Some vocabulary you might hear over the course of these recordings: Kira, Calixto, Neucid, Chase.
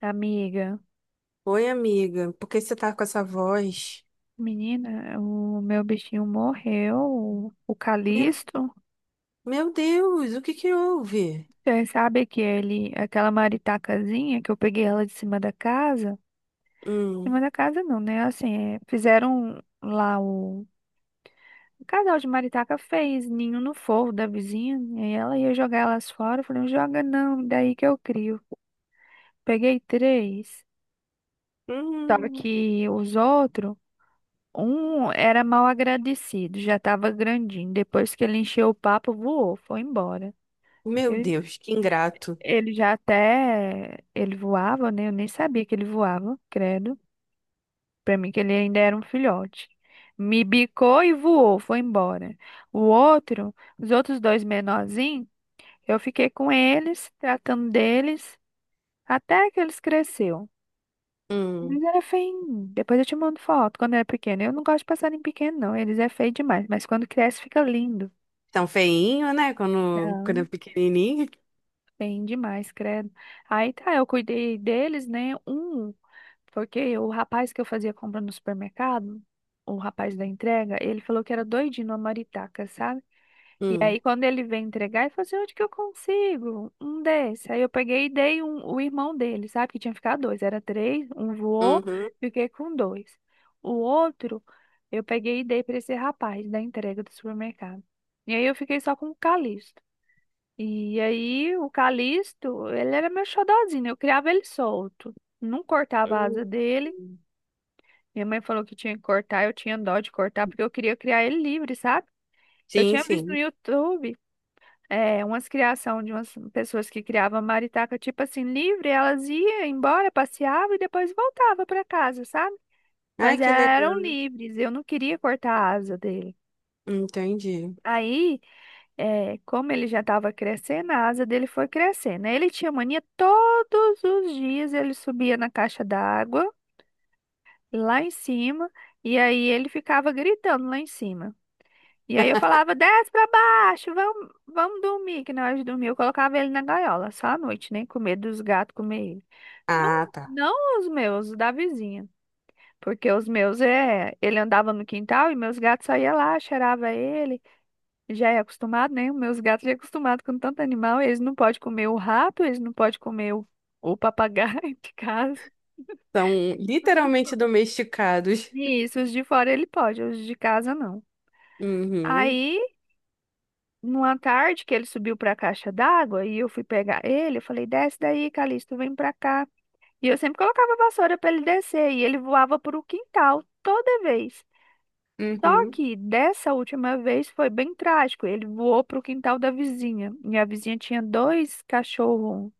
Amiga, Oi, amiga, por que você tá com essa voz? menina, o meu bichinho morreu, o Meu, Calisto. meu Deus, o que que houve? Você sabe que ele, aquela maritacazinha que eu peguei ela de cima da casa, de Hum, cima da casa não, né? Assim, é, fizeram lá o casal de maritaca fez ninho no forro da vizinha, e aí ela ia jogar elas fora, eu falei, não joga não, daí que eu crio. Peguei três, só hum. que os outros um era mal agradecido, já estava grandinho. Depois que ele encheu o papo, voou, foi embora. Meu Ele, Deus, que ingrato. ele já até. Ele voava, né? Eu nem sabia que ele voava, credo. Pra mim, que ele ainda era um filhote. Me bicou e voou, foi embora. O outro, os outros dois menorzinhos, eu fiquei com eles, tratando deles, até que eles cresceram. Mas Hum, era feio. Depois eu te mando foto quando era pequeno. Eu não gosto de passarinho pequeno, não. Eles é feio demais. Mas quando cresce, fica lindo. tão feinho, né? Quando é Não, pequenininho. bem demais, credo. Aí tá, eu cuidei deles, né? Um, porque o rapaz que eu fazia compra no supermercado, o rapaz da entrega, ele falou que era doidinho numa maritaca, sabe? E Hum, aí quando ele veio entregar, ele falou assim, onde que eu consigo? Um desse. Aí eu peguei e dei um, o irmão dele, sabe? Que tinha ficado dois, era três, um voou, uhum, fiquei com dois. O outro, eu peguei e dei pra esse rapaz da entrega do supermercado. E aí eu fiquei só com o Calixto. E aí, o Calixto, ele era meu xodozinho, eu criava ele solto. Não cortava a hum. asa dele. Minha mãe falou que tinha que cortar, eu tinha dó de cortar, porque eu queria criar ele livre, sabe? Eu Sim, tinha visto no sim. YouTube, é, umas criação de umas pessoas que criavam maritaca, tipo assim, livre, elas iam embora, passeavam e depois voltavam para casa, sabe? Ai, Mas elas que eram legal. livres, eu não queria cortar a asa dele. Entendi. Aí. É, como ele já estava crescendo, a asa dele foi crescendo. Aí ele tinha mania todos os dias, ele subia na caixa d'água, lá em cima, e aí ele ficava gritando lá em cima. E aí eu falava, desce pra baixo, vamos dormir, que na hora de dormir eu colocava ele na gaiola, só à noite, né? Com medo dos gatos comer ele. Não, Ah, tá. não os meus, os da vizinha. Porque os meus, é, ele andava no quintal e meus gatos só iam lá, cheirava ele já é acostumado, né? Os meus gatos já é acostumado com tanto animal, eles não podem comer o rato, eles não podem comer o papagaio de casa. São literalmente domesticados. E isso, os de fora ele pode, os de casa não. Uhum, Aí, numa tarde que ele subiu para a caixa d'água e eu fui pegar ele, eu falei: "Desce daí, Calixto, vem para cá". E eu sempre colocava a vassoura para ele descer e ele voava para o quintal toda vez. Só uhum. que dessa última vez foi bem trágico. Ele voou para o quintal da vizinha. E a vizinha tinha dois cachorros,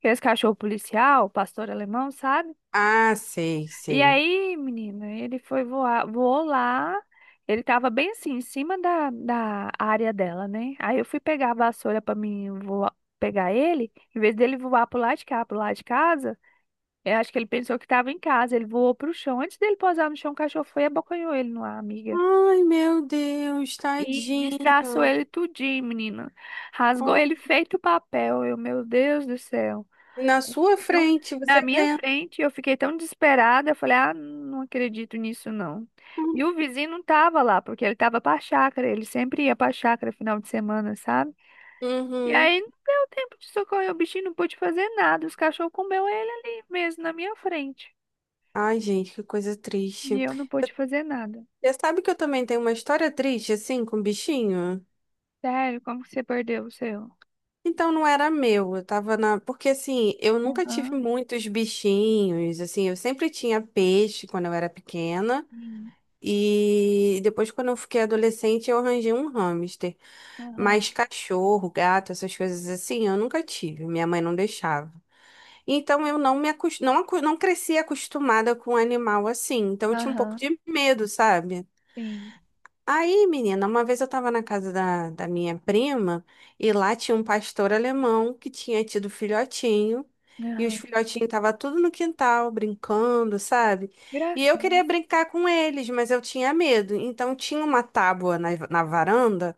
que esse cachorro policial, pastor alemão, sabe? Ah, sei, E sei. aí, menina, ele foi voar, voou lá. Ele tava bem assim, em cima da área dela, né? Aí eu fui pegar a vassoura pra mim voar, pegar ele. Em vez dele voar pro lado de cá, pro lado de casa, eu acho que ele pensou que tava em casa. Ele voou pro chão. Antes dele pousar no chão, o cachorro foi e abocanhou ele no ar, amiga. Ai, meu Deus, E destraçou tadinho. ele tudinho, menina. Rasgou ele feito papel. Eu, meu Deus do céu. Na sua Então, frente, você na minha vê. frente, eu fiquei tão desesperada, eu falei, ah, não acredito nisso, não. E o vizinho não tava lá, porque ele tava pra chácara, ele sempre ia pra chácara final de semana, sabe? E Uhum. aí não deu tempo de socorrer o bichinho, não pôde fazer nada, os cachorros comeu ele ali mesmo, na minha frente. Ai, gente, que coisa triste. E eu não pude fazer nada. Você sabe que eu também tenho uma história triste, assim, com bichinho? Sério, como que você perdeu o seu? Então não era meu, eu tava na. Porque assim, eu nunca tive Aham, muitos bichinhos, assim, eu sempre tinha peixe quando eu era pequena. sim, E depois, quando eu fiquei adolescente, eu arranjei um hamster. aham, Mas cachorro, gato, essas coisas assim, eu nunca tive. Minha mãe não deixava. Então eu não me acos- não, acu- não cresci acostumada com animal assim. Então eu tinha um pouco aham, de medo, sabe? sim, Aí, menina, uma vez eu tava na casa da, minha prima e lá tinha um pastor alemão que tinha tido filhotinho. E os aham. filhotinhos estavam tudo no quintal, brincando, sabe? E eu Gracinha, queria brincar com eles, mas eu tinha medo. Então tinha uma tábua na varanda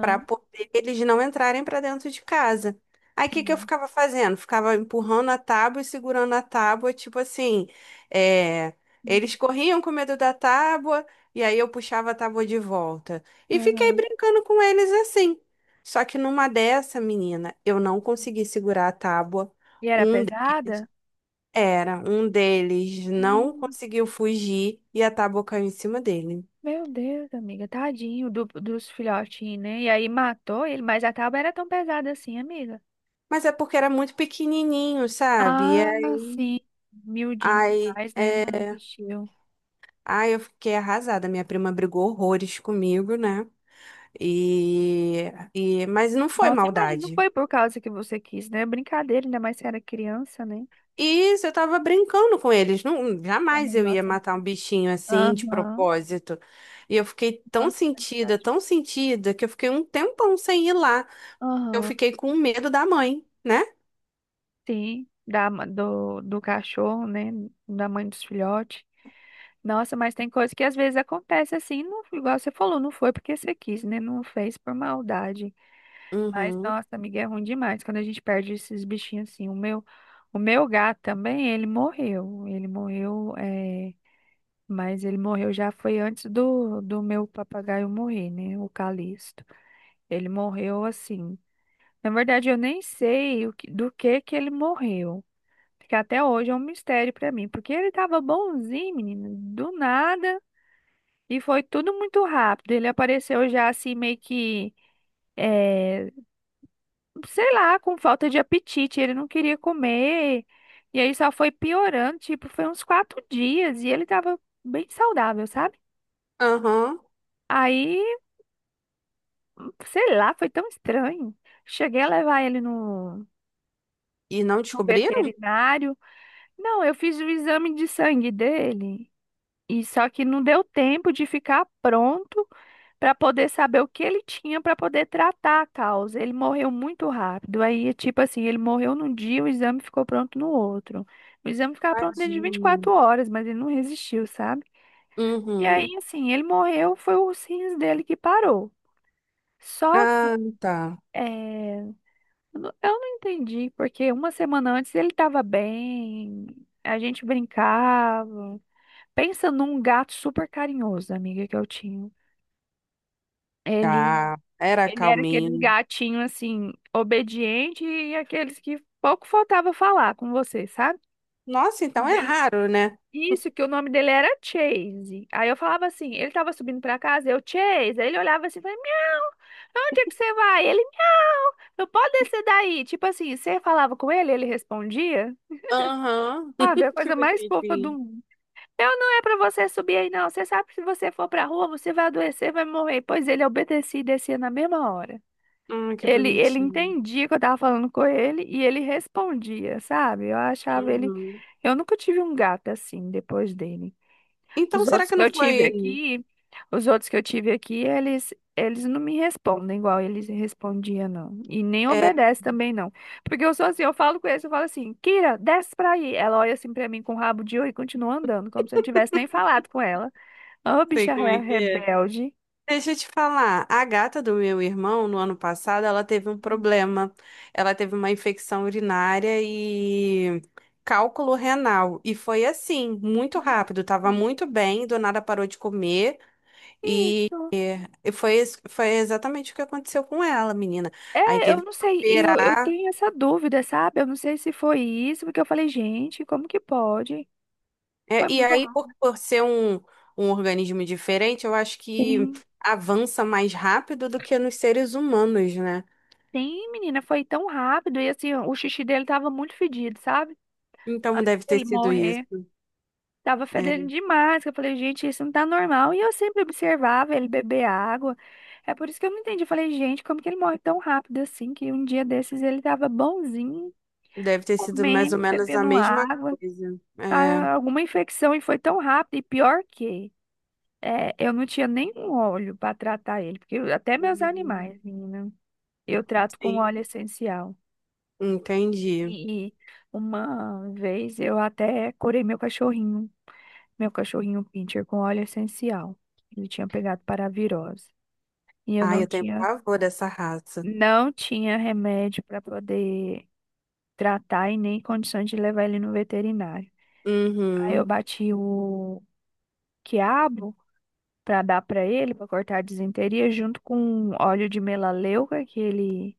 para poder eles não entrarem para dentro de casa. Aí o que que eu sim, ficava fazendo? Ficava empurrando a tábua e segurando a tábua, tipo assim, é, uhum, eles corriam com medo da tábua e aí eu puxava a tábua de volta. E fiquei aham. brincando com eles assim. Só que numa dessa, menina, eu não consegui segurar a tábua. E era Um deles pesada? Um deles não Não. conseguiu fugir e a tábua caiu em cima dele. Meu Deus, amiga, tadinho dos filhotinhos, né? E aí matou ele, mas a tábua era tão pesada assim, amiga. Mas é porque era muito pequenininho, sabe? Ah, sim. Miudinho Ai, demais, né? Não é... existiu. Ai, eu fiquei arrasada. Minha prima brigou horrores comigo, né? E... Mas não foi Nossa, imagina, não maldade. foi por causa que você quis, né? Brincadeira, ainda mais se era criança, né? E eu tava brincando com eles. Não, Tá na jamais eu ia Nossa. matar um bichinho assim, de Aham. propósito. E eu fiquei Nossa, é verdade. tão sentida, que eu fiquei um tempão sem ir lá. Eu Aham. fiquei com medo da mãe, né? Sim, do cachorro, né? Da mãe dos filhotes. Nossa, mas tem coisa que às vezes acontece assim, não, igual você falou, não foi porque você quis, né? Não fez por maldade. Mas, Uhum. nossa, amiga, é ruim demais quando a gente perde esses bichinhos assim. O meu gato também, ele morreu. Ele morreu, é, mas ele morreu já foi antes do, do meu papagaio morrer, né? O Calixto. Ele morreu assim. Na verdade, eu nem sei do que ele morreu, que até hoje é um mistério pra mim, porque ele tava bonzinho, menino, do nada, e foi tudo muito rápido. Ele apareceu já assim, meio que, eh, sei lá, com falta de apetite, ele não queria comer, e aí só foi piorando, tipo, foi uns 4 dias, e ele tava bem saudável, sabe? Aham. Aí, sei lá, foi tão estranho. Cheguei a levar ele no, E não no descobriram? veterinário. Não, eu fiz o exame de sangue dele. E só que não deu tempo de ficar pronto para poder saber o que ele tinha para poder tratar a causa. Ele morreu muito rápido. Aí, tipo assim, ele morreu num dia, o exame ficou pronto no outro. O exame ficava pronto dentro de vinte e Tadinho. quatro horas, mas ele não resistiu, sabe? E aí, Uhum. assim, ele morreu, foi os rins dele que parou. Só que, Ah, tá. é, eu não entendi, porque uma semana antes ele estava bem, a gente brincava. Pensa num gato super carinhoso, amiga, que eu tinha. Ele Tá. Era Ele era aqueles calminho. gatinhos assim, obediente e aqueles que pouco faltava falar com você, sabe? Nossa, então é Dele- raro, né? Isso, que o nome dele era Chase. Aí eu falava assim, ele tava subindo pra casa, eu, Chase. Aí ele olhava assim e falava, miau, pra onde é que você vai? Ele, miau, não pode descer daí. Tipo assim, você falava com ele, ele respondia. Aham. Sabe, a Que coisa mais fofa do bonitinho. mundo. Eu não, é pra você subir aí, não. Você sabe que se você for pra rua, você vai adoecer, vai morrer. Pois ele obedecia e descia na mesma hora. Ah, que Ele bonitinho. entendia que eu tava falando com ele e ele respondia, sabe? Eu achava ele. Uhum. Eu nunca tive um gato assim depois dele. Então, Os será outros que que não eu tive foi. aqui, os outros que eu tive aqui, eles não me respondem igual eles respondiam, não. E nem é, obedece também, não. Porque eu sou assim, eu falo com eles, eu falo assim, Kira, desce pra aí. Ela olha assim pra mim com o rabo de oi e continua andando, como se eu não tivesse nem falado com ela. Ô, Sei bicha como re- é que é. rebelde. Deixa eu te falar, a gata do meu irmão, no ano passado, ela teve um problema. Ela teve uma infecção urinária e cálculo renal. E foi assim, muito rápido. Tava muito bem, do nada parou de comer. E Isso. foi, es- foi exatamente o que aconteceu com ela, menina. Aí É, eu teve que não sei, e eu operar. tenho essa dúvida, sabe? Eu não sei se foi isso, porque eu falei, gente, como que pode? É, Foi e muito aí, por, rápido. por ser um organismo diferente, eu acho que Sim, avança mais rápido do que nos seres humanos, né? sim, menina, foi tão rápido. E assim, o xixi dele tava muito fedido, sabe? Então Antes deve ter dele sido morrer, isso. tava fedendo É, demais, que eu falei, gente, isso não tá normal. E eu sempre observava ele beber água. É por isso que eu não entendi. Eu falei, gente, como que ele morre tão rápido assim? Que um dia desses ele tava bonzinho, deve ter sido mais ou comendo, menos a bebendo mesma água. coisa. É. Ah, alguma infecção e foi tão rápido. E pior que. É, eu não tinha nenhum óleo para tratar ele, porque eu- até meus animais, Uhum. menina, eu trato com óleo Sim, essencial. entendi. E uma vez eu até curei meu cachorrinho pincher com óleo essencial. Ele tinha pegado paravirose e eu Ai, não eu tenho tinha, pavor dessa raça. não tinha remédio para poder tratar e nem condições de levar ele no veterinário. Aí eu Uhum, bati o quiabo para dar para ele, para cortar a disenteria, junto com óleo de melaleuca que ele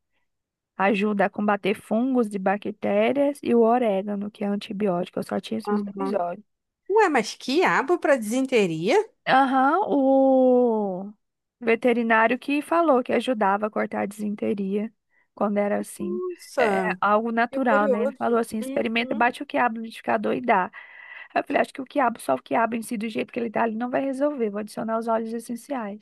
ajuda a combater fungos e bactérias e o orégano, que é antibiótico. Eu só tinha esses dois uhum. óleos. Ué, mas quiabo para disenteria? Aham, o veterinário que falou que ajudava a cortar a disenteria quando era assim. É, é Nossa, algo que natural, né? Ele falou curioso. assim: experimenta, Uhum, bate o quiabo no liquidificador e dá. Aí eu falei: acho que o quiabo, só o quiabo em si, do jeito que ele tá ali, não vai resolver. Vou adicionar os óleos essenciais.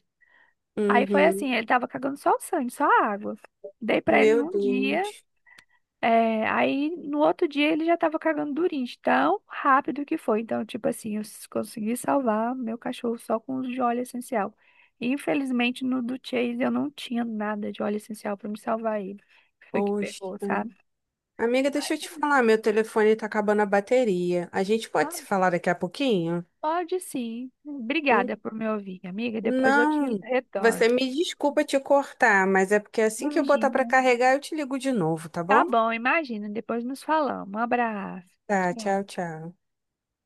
Aí foi uhum. assim: ele tava cagando só o sangue, só a água. Dei pra ele Meu num dia. Deus. É, aí no outro dia ele já tava cagando durinho, de tão rápido que foi. Então, tipo assim, eu consegui salvar meu cachorro só com o de óleo essencial. Infelizmente, no do Chase eu não tinha nada de óleo essencial pra me salvar ele. Foi que Poxa. pegou, sabe? Amiga, deixa Mas, eu te assim, falar, meu telefone tá acabando a bateria. A gente pode ah, se falar daqui a pouquinho? pode sim. Hum, Obrigada por me ouvir, amiga. Depois eu te Não, retorno. você me desculpa te cortar, mas é porque assim que eu botar Imagina. pra carregar, eu te ligo de novo, tá Tá bom? bom, imagina. Depois nos falamos. Um abraço. Tá, Tchau. tchau, tchau.